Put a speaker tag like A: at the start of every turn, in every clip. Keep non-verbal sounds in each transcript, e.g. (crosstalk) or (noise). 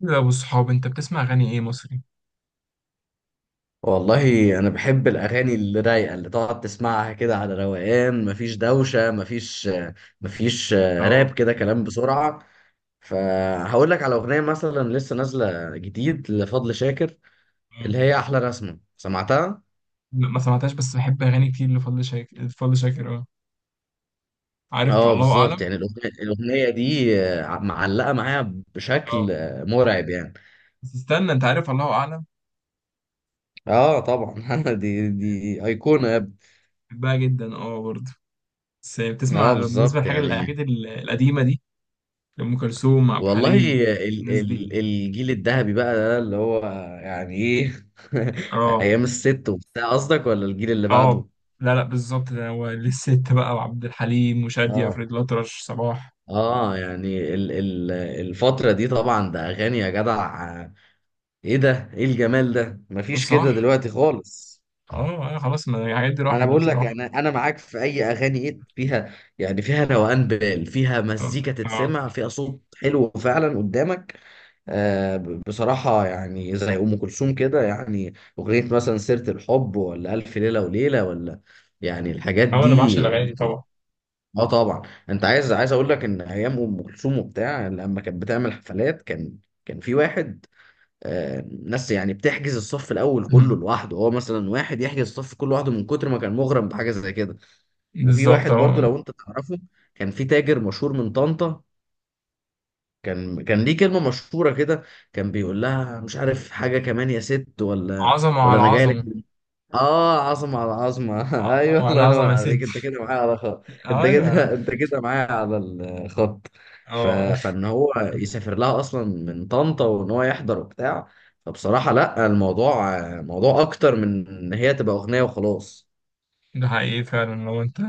A: لا، والصحاب انت بتسمع اغاني ايه مصري؟
B: والله انا بحب الاغاني اللي رايقه اللي تقعد تسمعها كده على روقان. مفيش دوشه، مفيش
A: اه
B: راب كده كلام بسرعه. فهقول لك على اغنيه مثلا لسه نازله جديد لفضل شاكر
A: اه.
B: اللي هي احلى رسمه سمعتها.
A: لا، ما سمعتهاش، بس بحب اغاني كتير لفضل شاكر. فضل شاكر، اه، عارف.
B: اه
A: الله
B: بالظبط
A: اعلم.
B: يعني الأغنية دي معلقه معايا بشكل
A: اه،
B: مرعب يعني.
A: بس استنى، انت عارف، الله اعلم.
B: اه طبعا. (laughs) دي ايقونه يا ابني.
A: بحبها جدا، اه، برضه. بس بتسمع،
B: اه
A: بالنسبه
B: بالظبط
A: للحاجه
B: يعني،
A: الحاجات القديمه دي، ام كلثوم، عبد
B: والله
A: الحليم،
B: ال
A: الناس دي.
B: ال الجيل الذهبي بقى ده اللي هو يعني ايه. (laughs)
A: اه
B: ايام الست وبتاع، قصدك ولا الجيل اللي
A: اه.
B: بعده؟
A: لا لا، بالظبط، ده هو للست بقى، وعبد الحليم وشادية
B: اه
A: فريد الأطرش صباح.
B: اه. يعني ال ال الفترة دي طبعا ده اغاني يا جدع. ايه ده، ايه الجمال ده؟ مفيش
A: صح.
B: كده دلوقتي خالص.
A: اه اه، خلاص، ما الحاجات دي
B: ما انا
A: راحت
B: بقول لك،
A: بصراحه.
B: انا معاك في اي اغاني ايه فيها، يعني فيها روقان، فيها
A: اه
B: مزيكا
A: اه.
B: تتسمع، فيها صوت حلو فعلا قدامك. بصراحه يعني زي ام كلثوم كده يعني. اغنيه مثلا سيره الحب، ولا الف ليله وليله، ولا يعني الحاجات
A: اه، انا بعشق
B: دي.
A: الاغاني دي طبعا.
B: اه طبعا. انت عايز اقول لك ان ايام ام كلثوم وبتاع لما كانت بتعمل حفلات كان في واحد، ناس يعني بتحجز الصف الاول كله
A: (laughs)
B: لوحده. هو مثلا واحد يحجز الصف كله لوحده من كتر ما كان مغرم بحاجه زي كده. وفي
A: بالظبط،
B: واحد برضو
A: اه.
B: لو انت تعرفه، كان في تاجر مشهور من طنطا، كان ليه كلمه مشهوره كده. كان بيقول لها مش عارف حاجه كمان يا ست، ولا
A: عظمة
B: ولا
A: على
B: انا جاي لك.
A: عظمة.
B: اه، عظمة على عظمة. (laughs) ايوه،
A: عظمة على
B: الله
A: عظمة
B: ينور
A: يا ست.
B: عليك، انت كده معايا على خط. انت
A: ايوه يا عم.
B: كده (laughs) انت كده معايا على الخط.
A: اه.
B: فان هو يسافر لها اصلا من طنطا، وان هو يحضر وبتاع. فبصراحة لا، الموضوع موضوع اكتر من ان هي تبقى اغنية وخلاص.
A: ده حقيقي فعلا، لو انت...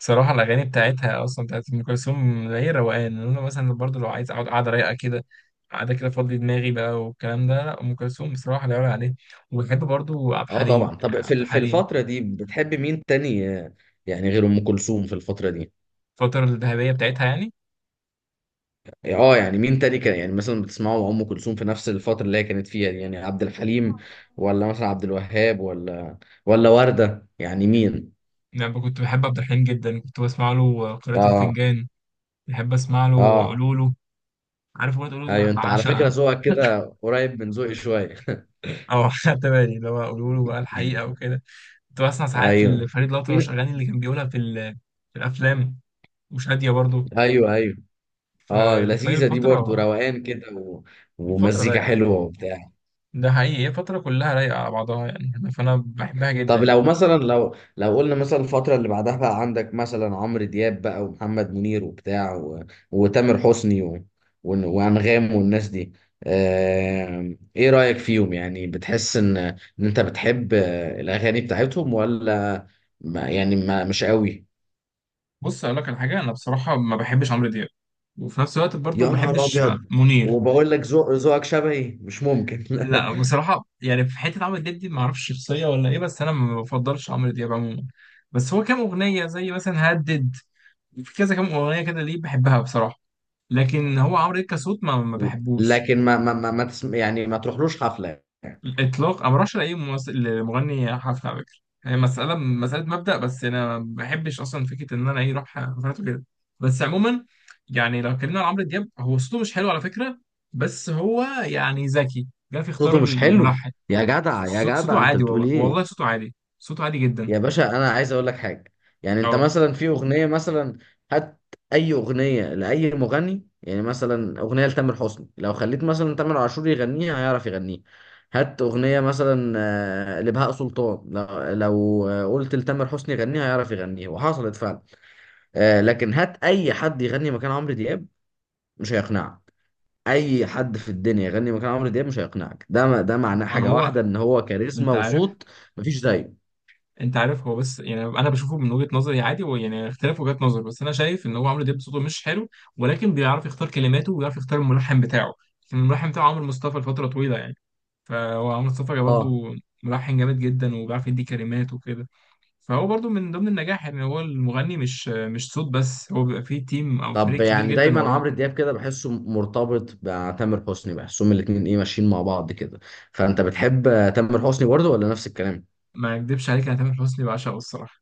A: بصراحة الأغاني بتاعتها أصلا، بتاعت أم كلثوم، هي روقان. إن أنا مثلا برضه لو عايز أقعد قعدة رايقة كده، قعدة كده أفضي دماغي بقى والكلام ده، لا، أم كلثوم بصراحة لا يعلى عليه. وبحب برضه عبد
B: اه
A: الحليم.
B: طبعا. طب
A: عبد
B: في
A: الحليم.
B: الفترة دي بتحب مين تاني؟ يعني غير ام كلثوم في الفترة دي.
A: الفترة الذهبية بتاعتها يعني
B: يعني اه، يعني مين تاني كان، يعني مثلا بتسمعوا ام كلثوم في نفس الفتره اللي هي كانت فيها دي؟ يعني عبد الحليم، ولا مثلا عبد الوهاب، ولا ورده، يعني مين؟
A: يعني كنت بحب عبد الحليم جدا، كنت بسمع له قراءة
B: اه
A: الفنجان. بحب أسمع له
B: اه.
A: قولوله. عارف أغنية قولوله دي
B: ايوه،
A: بقى،
B: انت على فكره
A: بعشقها.
B: ذوقك كده قريب من ذوقي شويه.
A: اه. (laughs) خدت بالي اللي هو قولوا له بقى الحقيقه، وكده. كنت بسمع ساعات
B: ايوه
A: لفريد الأطرش اغاني اللي كان بيقولها في في الافلام. مش هاديه برضه.
B: ايوه ايوه. اه
A: فهي
B: لذيذه دي برضو،
A: الفتره.
B: روقان كده
A: الفتره
B: ومزيكا
A: رايقه.
B: حلوه وبتاع.
A: ده حقيقي، هي فتره كلها رايقه على بعضها يعني، فانا بحبها جدا
B: طب لو
A: يعني.
B: مثلا، لو قلنا مثلا الفترة اللي بعدها بقى، عندك مثلا عمرو دياب بقى، ومحمد منير وبتاع، وتامر حسني، وأنغام والناس دي. ايه رأيك فيهم؟ يعني بتحس ان انت بتحب الأغاني بتاعتهم، ولا ما يعني، ما مش قوي.
A: بص، اقول لك على حاجه، انا بصراحه ما بحبش عمرو دياب، وفي نفس الوقت برضه
B: يا
A: ما
B: نهار
A: بحبش
B: أبيض.
A: منير.
B: وبقول لك ذوقك شبهي مش ممكن.
A: لا، بصراحه يعني، في حته عمرو دياب دي ما اعرفش شخصيه ولا ايه، بس انا ما بفضلش عمرو دياب عموما. بس هو كام اغنيه زي مثلا هدد، في كذا كام اغنيه كده ليه بحبها بصراحه. لكن هو عمرو دياب كصوت ما
B: (laughs)
A: بحبوش
B: لكن ما ما ما, ما تسم... يعني ما تروحلوش حفلة؟
A: الاطلاق. انا ما بروحش لاي ممثل مغني حفله على فكره، هي مساله مبدا. بس انا ما بحبش اصلا فكره ان انا ايه اروح حفلاته كده. بس عموما، يعني لو اتكلمنا عن عمرو دياب، هو صوته مش حلو على فكره. بس هو يعني ذكي، جه في اختيار
B: صوته مش حلو؟
A: الملحن.
B: يا جدع يا
A: صوته
B: جدع، انت
A: عادي،
B: بتقول
A: والله
B: ايه؟
A: والله صوته عادي، صوته عادي جدا.
B: يا باشا، انا عايز اقول لك حاجه. يعني انت
A: اه،
B: مثلا في اغنيه مثلا، هات اي اغنيه لاي مغني، يعني مثلا اغنيه لتامر حسني لو خليت مثلا تامر عاشور يغنيها هيعرف يغنيها. هات اغنيه مثلا لبهاء سلطان، لو قلت لتامر حسني يغنيها هيعرف يغنيها، وحصلت فعلا. لكن هات اي حد يغني مكان عمرو دياب، مش هيقنعك. اي حد في الدنيا يغني مكان عمرو دياب مش هيقنعك. ده معناه
A: ما
B: حاجه
A: هو
B: واحده، ان هو كاريزما
A: انت عارف.
B: وصوت، مفيش زيه.
A: انت عارف، هو بس يعني انا بشوفه من وجهة نظري عادي، هو يعني اختلاف وجهات نظر، بس انا شايف ان هو عمرو دياب صوته مش حلو، ولكن بيعرف يختار كلماته، وبيعرف يختار الملحن بتاعه. كان الملحن بتاعه عمرو مصطفى لفترة طويلة يعني، فهو عمرو مصطفى
B: اه.
A: برضه ملحن جامد جدا، وبيعرف يدي كلمات وكده. فهو برضه من ضمن النجاح، ان هو المغني مش صوت بس، هو بيبقى فيه تيم او
B: طب
A: فريق كبير
B: يعني
A: جدا
B: دايما
A: وراه.
B: عمرو دياب كده بحسه مرتبط بتامر حسني، بحسهم الاتنين ايه ماشيين مع بعض كده. فانت بتحب تامر حسني برضه، ولا نفس الكلام؟
A: ما اكدبش عليك، انا تامر حسني بعشقه الصراحة.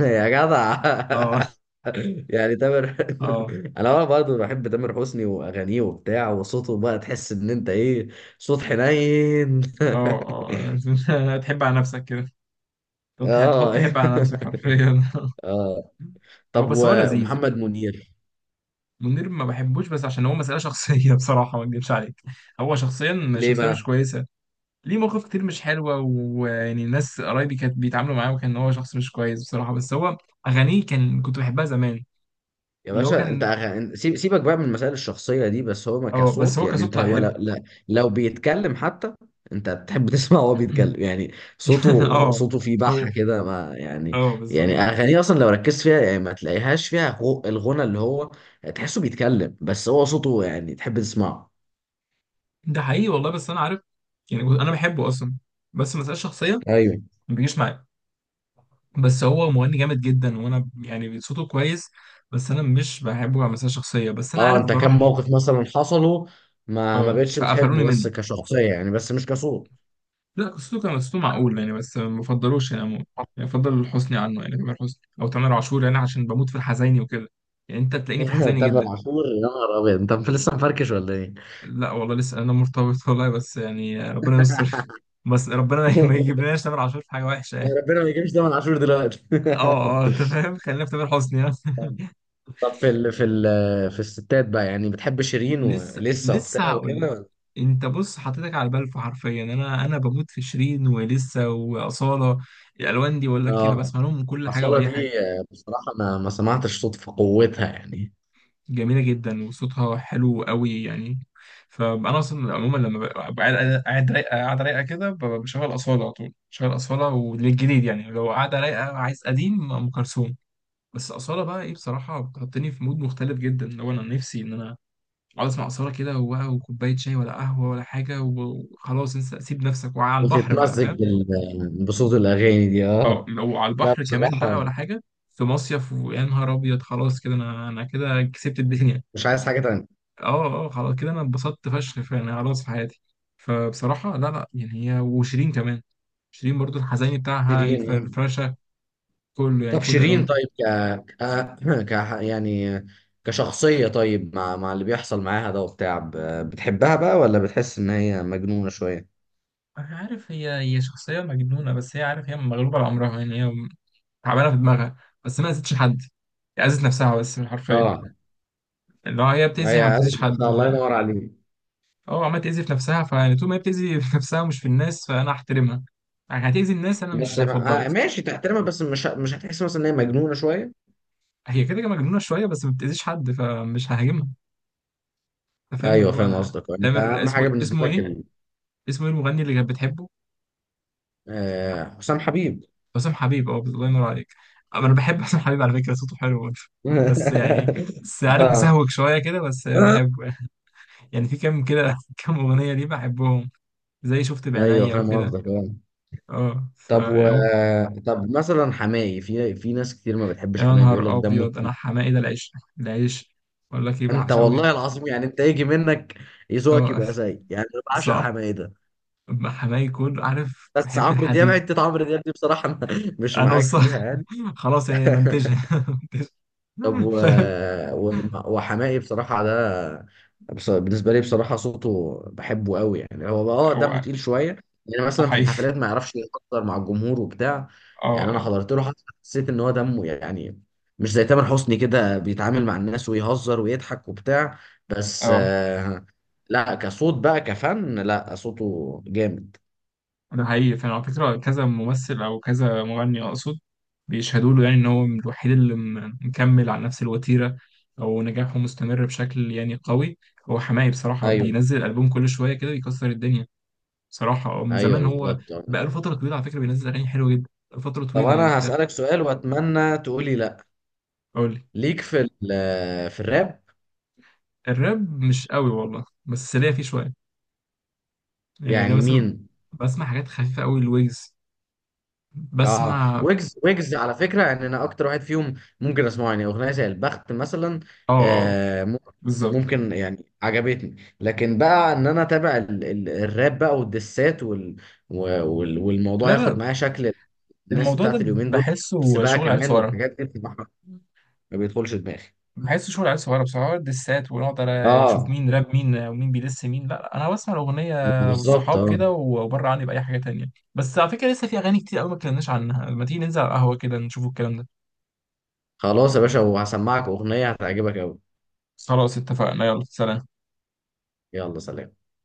B: (laughs) يا جدع.
A: اه.
B: (laughs) يعني تامر.
A: (laughs) اه.
B: (laughs) انا برضه بحب تامر حسني واغانيه وبتاع، وصوته بقى تحس ان انت ايه، صوت حنين.
A: اه.
B: (laughs)
A: اه. (laughs) تحب على نفسك كده.
B: اه. (laughs)
A: تحب على نفسك حرفيا.
B: اه.
A: هو
B: طب
A: بس، هو لذيذ يعني.
B: ومحمد منير؟
A: منير ما بحبوش بس عشان هو مسألة شخصية. (laughs) بصراحة، ما اكدبش عليك، هو شخصيا
B: ليه
A: شخصية مش
B: بقى؟
A: كويسة. ليه مواقف كتير مش حلوة، ويعني ناس قرايبي كانت بيتعاملوا معاه وكان هو شخص مش كويس بصراحة. بس هو أغانيه كنت بحبها زمان،
B: يا
A: اللي هو
B: باشا انت
A: كان.
B: سيبك بقى من المسائل الشخصية دي. بس هو، ما
A: اه، بس
B: كصوت
A: هو
B: يعني،
A: كصوت
B: انت
A: لا،
B: هو،
A: حلو.
B: لا لا. لو بيتكلم حتى، انت بتحب (laughs) تسمع وهو بيتكلم
A: (laughs)
B: يعني. صوته
A: اه.
B: صوته فيه بحة
A: هو.
B: كده، ما يعني.
A: اه، بالظبط.
B: يعني اغانيه اصلا لو ركزت فيها يعني، ما تلاقيهاش فيها الغنى اللي هو، تحسه بيتكلم، بس هو صوته يعني تحب تسمعه.
A: ده حقيقي والله، بس أنا عارف، يعني أنا بحبه أصلا، بس مسألة شخصية،
B: ايوه.
A: ما بيجيش معايا. بس هو مغني جامد جدا، وانا يعني صوته كويس. بس انا مش بحبه كمسألة شخصية، بس انا
B: اه
A: عارف
B: انت كم
A: بروح
B: موقف مثلا حصلوا، ما بقتش
A: فقفلوني
B: بتحبه
A: منه.
B: بس كشخصية يعني، بس مش كصوت.
A: لا، صوته معقول يعني، بس ما بفضلوش يعني يعني بفضل حسني عنه يعني، تامر حسني او تامر عاشور يعني، عشان بموت في الحزيني وكده. يعني انت تلاقيني في
B: (laughs)
A: الحزيني
B: تامر
A: جدا.
B: عاشور؟ يا نهار ابيض، انت لسه مفركش ولا ايه؟
A: لا والله، لسه انا مرتبط والله، بس يعني ربنا
B: (laughs)
A: يستر. (laughs) بس ربنا ما يجيبلناش تامر عاشور في حاجة وحشة يعني.
B: ربنا ما يجيبش تامر عاشور دلوقتي.
A: اه اه، انت فاهم، خلينا في تامر حسني يعني. (laughs)
B: (laughs) طب في الستات بقى، يعني بتحب شيرين
A: لسه
B: ولسه
A: لسه،
B: وبتاع
A: هقول لك.
B: وكده.
A: انت بص، حطيتك على البلف حرفيا، انا بموت في شيرين ولسه واصاله. الالوان دي، بقول لك إيه، انا
B: اه.
A: بسمع لهم من كل حاجه
B: أصالة
A: واي حاجه.
B: دي بصراحة ما سمعتش صوت في قوتها يعني.
A: جميله جدا، وصوتها حلو قوي يعني. فانا اصلا عموما لما ببقى قاعد، قاعد رايقه قاعده رايقه كده، بشغل اصاله على طول، بشغل اصاله والجديد يعني، لو قاعده رايقه عايز قديم ام كلثوم. بس اصاله بقى ايه بصراحه، بتحطني في مود مختلف جدا، لو انا نفسي ان انا اقعد اسمع اثاره كده، وبقى وكوبايه شاي ولا قهوه ولا حاجه، وخلاص انسى، سيب نفسك وعلى البحر بقى،
B: بتتمزج
A: فاهم؟
B: بصوت الأغاني دي.
A: او،
B: اه
A: وعلى
B: لا
A: البحر كمان
B: بصراحة،
A: بقى ولا حاجه، في مصيف، ويا نهار ابيض، خلاص كده، انا كده كسبت الدنيا.
B: مش عايز حاجة تانية.
A: اه اه، خلاص كده انا اتبسطت فشخ فعلا، خلاص في حياتي. فبصراحه لا لا، يعني هي وشيرين كمان. شيرين برضو، الحزيني بتاعها،
B: شيرين.
A: الفرفشه، كله يعني،
B: طب
A: كل الالوان
B: شيرين
A: بتاعها.
B: طيب، ك ك (clears throat) يعني كشخصية، طيب مع اللي بيحصل معاها ده وبتاع، بتحبها بقى ولا بتحس إن هي مجنونة شوية؟
A: انا عارف هي شخصيه مجنونه، بس هي عارف، هي مغلوبه على امرها يعني، هي تعبانه في دماغها، بس ما اذتش حد. هي اذت نفسها بس، بالحرفيه،
B: اه،
A: اللي هو هي بتأذي، ما
B: هي
A: بتأذيش حد.
B: أزمة.
A: ف
B: الله ينور عليك.
A: اه عمالة تأذي في نفسها، فيعني طول ما هي بتأذي في نفسها ومش في الناس، فأنا هحترمها. يعني هتأذي الناس، أنا
B: بس
A: مش هفضلك.
B: ماشي، تحترمها. بس مش هتحس مثلا ان هي مجنونه شويه؟
A: هي كده كده مجنونة شوية، بس ما بتأذيش حد، فمش ههاجمها. أنت فاهم، اللي
B: ايوه، فاهم
A: هو...
B: قصدك. انت
A: تامر،
B: اهم حاجه
A: اسمه
B: بالنسبه لك
A: إيه؟ اسمه إيه المغني اللي كانت بتحبه؟
B: حسام حبيب.
A: حسام حبيب، اه، الله ينور عليك. أما أنا بحب حسام حبيب على فكرة، صوته حلو برضه. بس يعني،
B: (laughs)
A: بس عارف،
B: اه.
A: مسهوك شوية كده، بس بحبه يعني. يعني في كام كده، (laughs) كام أغنية ليه بحبهم، زي شفت
B: ايوه
A: بعينيا
B: فاهم
A: وكده.
B: قصدك. اه
A: اه ف
B: طب و طب مثلا حماقي، في ناس كتير ما
A: يا
B: بتحبش حماقي، بيقول لك
A: نهار
B: دمه
A: ابيض،
B: تقيل.
A: انا حماقي ده العيش. العيش. اقول لك ايه،
B: انت
A: بعشقه جدا.
B: والله العظيم، يعني انت يجي منك ذوقك
A: اه،
B: يبقى زي، يعني انا بعشق
A: صح.
B: حماقي ده.
A: أما حماقي يكون عارف،
B: بس
A: بحب
B: عمرو دياب،
A: الحزين.
B: حته عمرو دياب دي بصراحه أنا (laughs) مش
A: انا
B: معاك فيها
A: والصح.
B: يعني.
A: (laughs) خلاص يعني،
B: (laughs)
A: منتجها. (laughs)
B: طب
A: منتجها.
B: وحماقي بصراحة ده، بالنسبة لي بصراحة صوته بحبه قوي يعني. هو
A: (laughs)
B: دمه
A: هو
B: تقيل شوية، يعني مثلا في الحفلات
A: حقيقي،
B: ما يعرفش يهزر مع الجمهور وبتاع. يعني أنا
A: اه
B: حضرت له حفلة، حسيت إن هو دمه يعني، مش زي تامر حسني كده بيتعامل مع الناس ويهزر ويضحك وبتاع. بس
A: اه،
B: لا كصوت بقى، كفن، لا صوته جامد.
A: ده حقيقي فعلا على فكره. كذا ممثل او كذا مغني اقصد بيشهدوا له يعني ان هو الوحيد اللي مكمل على نفس الوتيره، او نجاحه مستمر بشكل يعني قوي. هو حماقي بصراحه
B: أيوه
A: بينزل البوم كل شويه كده بيكسر الدنيا صراحة، اه، من
B: أيوه
A: زمان هو،
B: بالظبط.
A: بقاله فترة طويلة على فكرة بينزل أغاني حلوة جدا، فترة
B: طب
A: طويلة يعني،
B: أنا
A: أنت.
B: هسألك سؤال وأتمنى تقولي لا.
A: أقول لي.
B: ليك في الراب؟
A: الراب مش قوي والله، بس ليا فيه شوية. يعني لو
B: يعني
A: مثلا،
B: مين؟
A: بسمع حاجات خفيفة قوي، الويجز.
B: اه
A: بسمع، اه.
B: ويجز. ويجز على فكره يعني انا اكتر واحد فيهم ممكن اسمعه، يعني اغنيه زي البخت مثلا.
A: اه، آه،
B: آه مم-
A: بالظبط.
B: ممكن يعني عجبتني، لكن بقى ان انا اتابع الراب بقى والدسات
A: لا
B: والموضوع ياخد
A: لا،
B: معايا شكل. الناس
A: الموضوع ده
B: بتاعت اليومين دول، بس
A: بحسه
B: بقى
A: شغل عيال
B: كمان
A: صغيرة.
B: والحاجات دي بصراحه ما بيدخلش دماغي.
A: بحسه شغل عيال صغيرة بصراحة، دسات ونقعد على شوف
B: اه
A: مين راب مين، ومين بيدس مين، لا لا، أنا بسمع الأغنية
B: بالظبط.
A: والصحاب
B: اه
A: كده، وبره عني بأي حاجة تانية. بس على فكرة، لسه في أغاني كتير قوي ما اتكلمناش عنها، ما تيجي ننزل على القهوة كده نشوف الكلام ده.
B: خلاص يا باشا، وهسمعك اغنيه هتعجبك قوي.
A: خلاص اتفقنا، يلا سلام.
B: يلا سلام.